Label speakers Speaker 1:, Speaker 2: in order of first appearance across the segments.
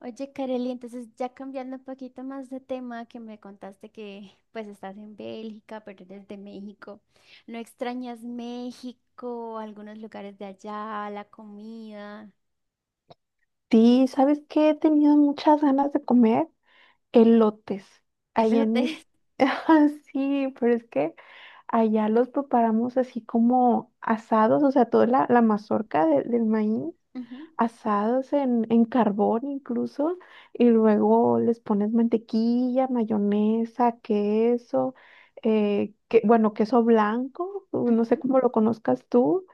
Speaker 1: Oye, Kareli, entonces ya cambiando un poquito más de tema, que me contaste que pues estás en Bélgica, pero eres de México. ¿No extrañas México, algunos lugares de allá, la comida,
Speaker 2: Sí, ¿sabes qué? He tenido muchas ganas de comer elotes allá en
Speaker 1: elotes?
Speaker 2: México. Ah, sí, pero es que allá los preparamos así como asados, o sea, toda la mazorca del maíz,
Speaker 1: Ujú,
Speaker 2: asados en carbón incluso, y luego les pones mantequilla, mayonesa, queso, que, bueno, queso blanco, no sé
Speaker 1: ujú.
Speaker 2: cómo lo conozcas tú,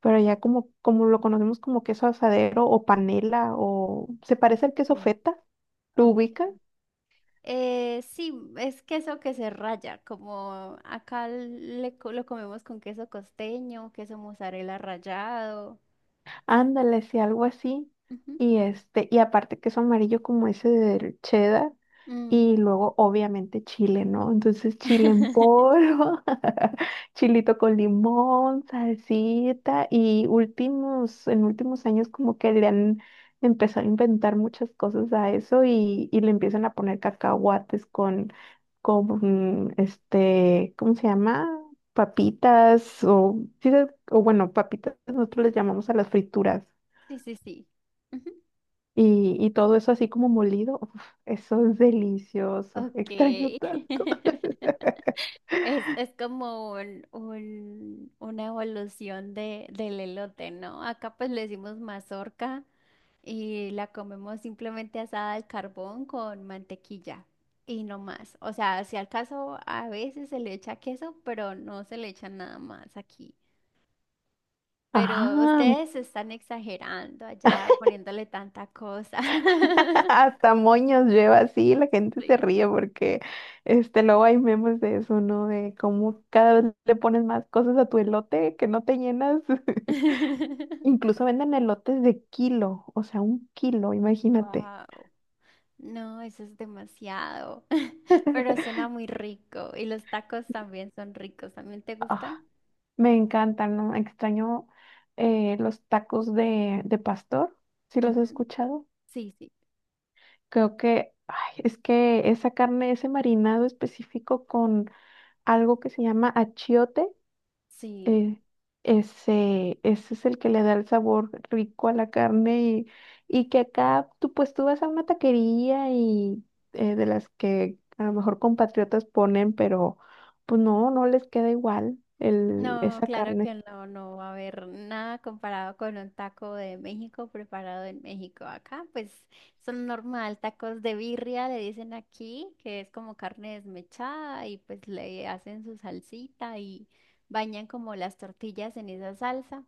Speaker 2: pero ya como, como lo conocemos como queso asadero o panela, o se parece al
Speaker 1: Ok,
Speaker 2: queso feta. ¿Lo ubicas?
Speaker 1: ok. Sí, es queso que se raya, como acá lo comemos con queso costeño, queso mozzarella rallado.
Speaker 2: Ándale, sí, algo así.
Speaker 1: Ujú.
Speaker 2: Y este, y aparte que es amarillo como ese del cheddar, y
Speaker 1: Mm.
Speaker 2: luego obviamente chile, ¿no? Entonces chile en polvo, chilito con limón, salsita, y últimos años como que le han empezado a inventar muchas cosas a eso, y le empiezan a poner cacahuates con, ¿cómo se llama? Papitas o, o bueno, papitas nosotros les llamamos a las frituras,
Speaker 1: Sí, sí, sí.
Speaker 2: y todo eso así como molido, uf, eso es delicioso,
Speaker 1: Ok.
Speaker 2: extraño tanto.
Speaker 1: Es como una evolución del elote, ¿no? Acá pues le decimos mazorca y la comemos simplemente asada al carbón con mantequilla y no más. O sea, si al caso a veces se le echa queso, pero no se le echa nada más aquí. Pero
Speaker 2: Ajá,
Speaker 1: ustedes están exagerando allá poniéndole tanta cosa.
Speaker 2: hasta moños lleva así, la gente se
Speaker 1: Sí.
Speaker 2: ríe porque este, luego hay memes de eso, ¿no? De cómo cada vez le pones más cosas a tu elote que no te llenas. Incluso venden elotes de kilo, o sea, un kilo, imagínate.
Speaker 1: Wow. No, eso es demasiado, pero suena muy rico y los tacos también son ricos. ¿También te gustan?
Speaker 2: Ah, me encantan, ¿no? Extraño los tacos de pastor, si los he
Speaker 1: Ujú.
Speaker 2: escuchado.
Speaker 1: Sí, sí,
Speaker 2: Creo que, ay, es que esa carne, ese marinado específico con algo que se llama achiote,
Speaker 1: sí.
Speaker 2: eh, ese es el que le da el sabor rico a la carne, y que acá tú pues tú vas a una taquería y, de las que a lo mejor compatriotas ponen, pero pues no, no les queda igual el,
Speaker 1: No,
Speaker 2: esa
Speaker 1: claro
Speaker 2: carne.
Speaker 1: que no, no va a haber nada comparado con un taco de México preparado en México. Acá, pues son normal, tacos de birria, le dicen aquí, que es como carne desmechada y pues le hacen su salsita y bañan como las tortillas en esa salsa.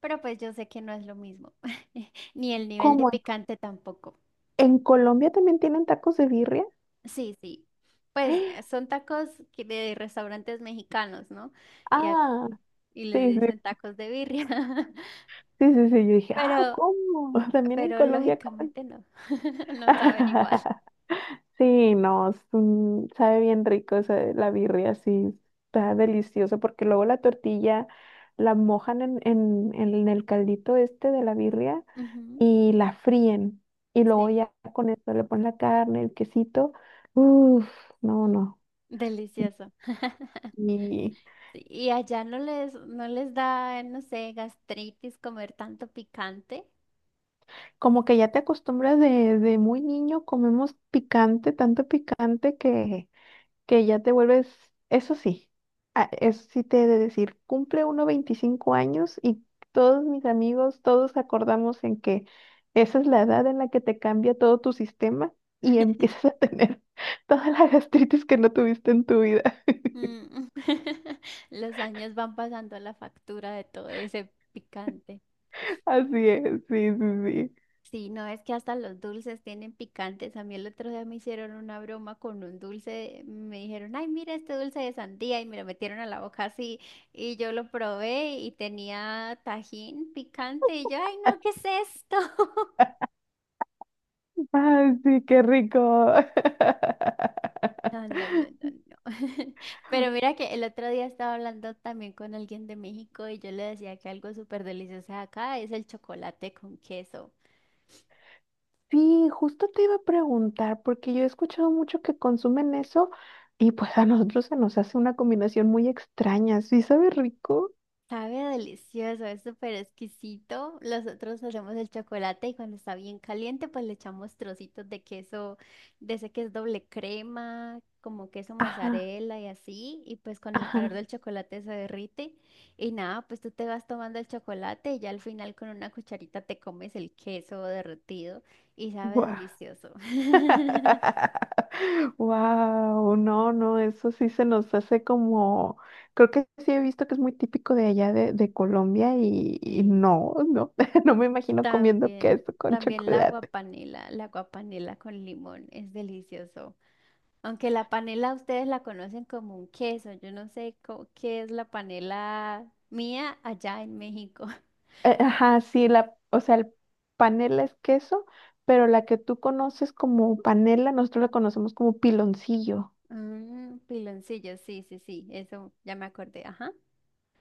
Speaker 1: Pero pues yo sé que no es lo mismo, ni el nivel de
Speaker 2: ¿Cómo?
Speaker 1: picante tampoco.
Speaker 2: ¿En Colombia también tienen tacos de birria?
Speaker 1: Sí, sí. Pues son tacos que de restaurantes mexicanos, ¿no? Y, a-
Speaker 2: Ah,
Speaker 1: y les
Speaker 2: sí,
Speaker 1: dicen
Speaker 2: sí,
Speaker 1: tacos de birria.
Speaker 2: sí, sí, sí. Yo dije, ah,
Speaker 1: Pero,
Speaker 2: ¿cómo? También en
Speaker 1: pero
Speaker 2: Colombia comen.
Speaker 1: lógicamente no. No saben igual.
Speaker 2: Sí, no, es un- sabe bien rico esa- la birria, sí,
Speaker 1: Mm,
Speaker 2: está deliciosa porque luego la tortilla la mojan en el caldito este de la birria
Speaker 1: ujú,
Speaker 2: y la fríen, y luego
Speaker 1: sí,
Speaker 2: ya con esto le ponen la carne, el quesito, uff, no, no,
Speaker 1: delicioso.
Speaker 2: y
Speaker 1: Sí, y allá no les, no les da, no sé, gastritis comer tanto picante.
Speaker 2: como que ya te acostumbras de muy niño, comemos picante, tanto picante que ya te vuelves, eso sí, eso sí te he de decir, cumple uno 25 años, y todos mis amigos, todos acordamos en que esa es la edad en la que te cambia todo tu sistema y empiezas a tener toda la gastritis que no tuviste en tu vida.
Speaker 1: Mm. Los años van pasando la factura de todo ese picante.
Speaker 2: Así es, sí, sí, sí.
Speaker 1: Sí, no es que hasta los dulces tienen picantes. A mí el otro día me hicieron una broma con un dulce. Me dijeron, ay, mira este dulce de sandía y me lo metieron a la boca así. Y yo lo probé y tenía tajín picante y yo, ay, no, ¿qué es esto?
Speaker 2: Ay, sí, qué rico.
Speaker 1: No, no, no, no, no. Pero mira que el otro día estaba hablando también con alguien de México y yo le decía que algo súper delicioso de acá es el chocolate con queso.
Speaker 2: Sí, justo te iba a preguntar, porque yo he escuchado mucho que consumen eso, y pues a nosotros se nos hace una combinación muy extraña. ¿Sí sabe rico?
Speaker 1: Sabe delicioso, es súper exquisito. Nosotros hacemos el chocolate y cuando está bien caliente, pues le echamos trocitos de queso, de ese que es doble crema, como queso
Speaker 2: Ajá,
Speaker 1: mozzarella y así. Y pues con el calor
Speaker 2: ajá,
Speaker 1: del chocolate se derrite. Y nada, pues tú te vas tomando el chocolate y ya al final con una cucharita te comes el queso derretido y sabe
Speaker 2: guau.
Speaker 1: delicioso.
Speaker 2: Wow, no, no, eso sí se nos hace como, creo que sí he visto que es muy típico de allá de Colombia, y
Speaker 1: Sí,
Speaker 2: no, no, no me imagino comiendo
Speaker 1: también,
Speaker 2: queso con
Speaker 1: también
Speaker 2: chocolate.
Speaker 1: la guapanela con limón, es delicioso. Aunque la panela ustedes la conocen como un queso, yo no sé qué es la panela mía allá en México.
Speaker 2: Ajá, sí, la, o sea, el panela es queso, pero la que tú conoces como panela, nosotros la conocemos como piloncillo.
Speaker 1: Mm, piloncillo, sí, sí, sí, eso ya me acordé, ajá.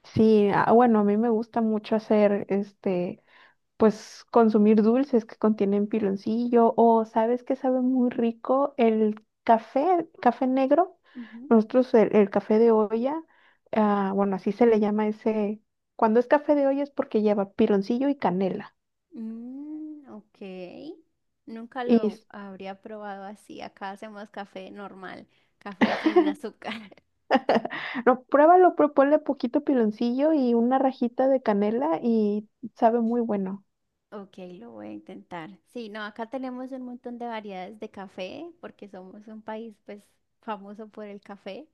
Speaker 2: Sí, ah, bueno, a mí me gusta mucho hacer, este, pues consumir dulces que contienen piloncillo. O, ¿sabes que sabe muy rico? El café, café negro.
Speaker 1: Ujú.
Speaker 2: Nosotros el café de olla, ah, bueno, así se le llama ese, cuando es café de olla es porque lleva piloncillo y canela.
Speaker 1: Mm, ok, nunca lo
Speaker 2: Y
Speaker 1: habría probado así, acá hacemos café normal, café sin azúcar.
Speaker 2: no, pruébalo, pero ponle poquito piloncillo y una rajita de canela y sabe muy bueno.
Speaker 1: Ok, lo voy a intentar. Sí, no, acá tenemos un montón de variedades de café porque somos un país pues famoso por el café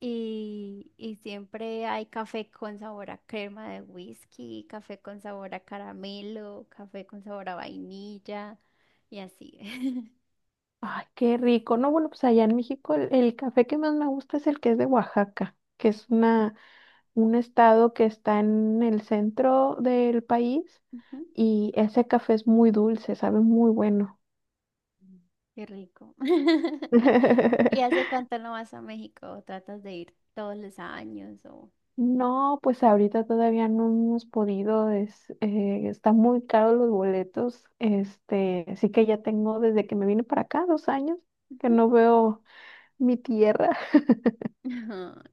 Speaker 1: y siempre hay café con sabor a crema de whisky, café con sabor a caramelo, café con sabor a vainilla y así.
Speaker 2: Ay, qué rico. No, bueno, pues allá en México el café que más me gusta es el que es de Oaxaca, que es una, un estado que está en el centro del país,
Speaker 1: Ujú.
Speaker 2: y ese café es muy dulce, sabe muy bueno.
Speaker 1: Mm. Qué rico. ¿Y hace cuánto no vas a México? ¿O tratas de ir todos los años o...?
Speaker 2: No, pues ahorita todavía no hemos podido, es, están muy caros los boletos, este, así que ya tengo desde que me vine para acá 2 años que
Speaker 1: Ujú.
Speaker 2: no veo mi tierra.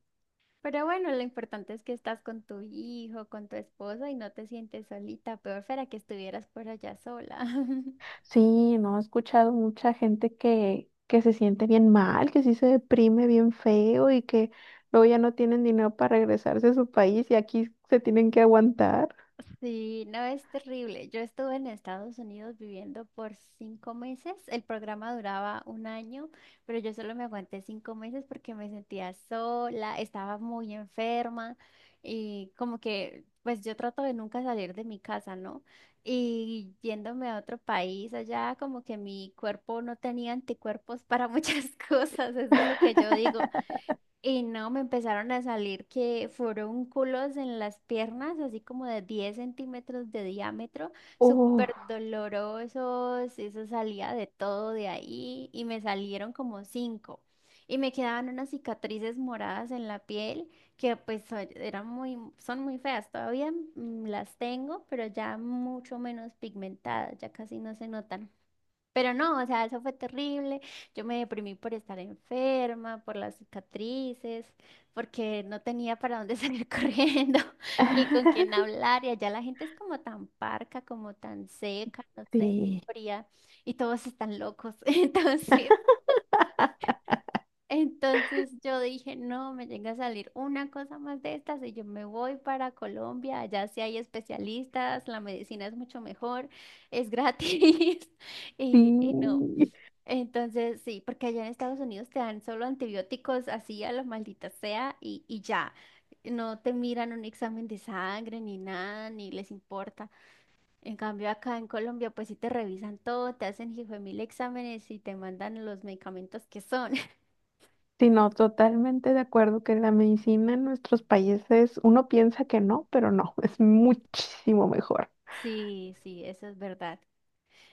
Speaker 1: Pero bueno, lo importante es que estás con tu hijo, con tu esposa y no te sientes solita. Peor fuera que estuvieras por allá sola.
Speaker 2: Sí, no, he escuchado mucha gente que se siente bien mal, que sí se deprime bien feo y que luego ya no tienen dinero para regresarse a su país y aquí se tienen que aguantar.
Speaker 1: Sí, no es terrible. Yo estuve en Estados Unidos viviendo por 5 meses. El programa duraba un año, pero yo solo me aguanté 5 meses porque me sentía sola, estaba muy enferma y como que, pues yo trato de nunca salir de mi casa, ¿no? Y yéndome a otro país allá, como que mi cuerpo no tenía anticuerpos para muchas cosas, eso es lo que yo digo. Y no, me empezaron a salir que forúnculos en las piernas, así como de 10 centímetros de diámetro, súper
Speaker 2: Uf,
Speaker 1: dolorosos, eso salía de todo de ahí y me salieron como cinco. Y me quedaban unas cicatrices moradas en la piel que pues eran muy, son muy feas, todavía las tengo, pero ya mucho menos pigmentadas, ya casi no se notan. Pero no, o sea, eso fue terrible. Yo me deprimí por estar enferma, por las cicatrices, porque no tenía para dónde salir corriendo, ni con quién hablar. Y allá la gente es como tan parca, como tan seca, no sé,
Speaker 2: sí,
Speaker 1: fría, y todos están locos. Entonces, entonces yo dije, no, me llega a salir una cosa más de estas y yo me voy para Colombia. Allá sí hay especialistas, la medicina es mucho mejor, es gratis. Y, y no.
Speaker 2: sí.
Speaker 1: Entonces, sí, porque allá en Estados Unidos te dan solo antibióticos así a lo maldita sea y ya. No te miran un examen de sangre ni nada, ni les importa. En cambio, acá en Colombia, pues sí te revisan todo, te hacen hijo de mil exámenes y te mandan los medicamentos que son.
Speaker 2: Sí, no, totalmente de acuerdo que la medicina en nuestros países, uno piensa que no, pero no, es muchísimo mejor.
Speaker 1: Sí, sí, eso es verdad.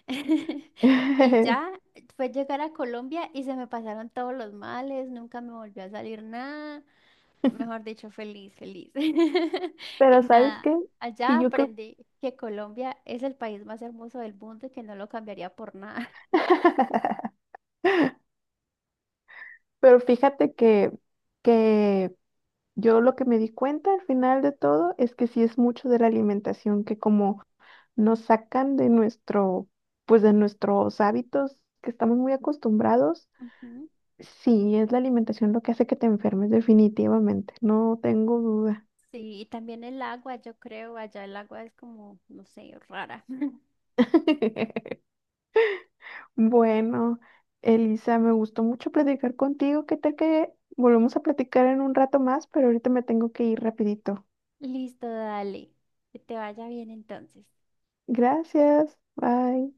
Speaker 1: Y ya fue llegar a Colombia y se me pasaron todos los males, nunca me volvió a salir nada. Mejor dicho, feliz, feliz.
Speaker 2: Pero
Speaker 1: Y
Speaker 2: ¿sabes
Speaker 1: nada,
Speaker 2: qué? Que
Speaker 1: allá
Speaker 2: yo creo...
Speaker 1: aprendí que Colombia es el país más hermoso del mundo y que no lo cambiaría por nada.
Speaker 2: Pero fíjate que yo lo que me di cuenta al final de todo es que sí es mucho de la alimentación, que como nos sacan de nuestro, pues de nuestros hábitos que estamos muy acostumbrados,
Speaker 1: Ujú.
Speaker 2: sí es la alimentación lo que hace que te enfermes definitivamente, no tengo duda.
Speaker 1: Sí, y también el agua, yo creo, allá el agua es como, no sé, rara.
Speaker 2: Bueno, Elisa, me gustó mucho platicar contigo. ¿Qué tal que volvemos a platicar en un rato más? Pero ahorita me tengo que ir rapidito.
Speaker 1: Listo, dale. Que te vaya bien entonces.
Speaker 2: Gracias. Bye.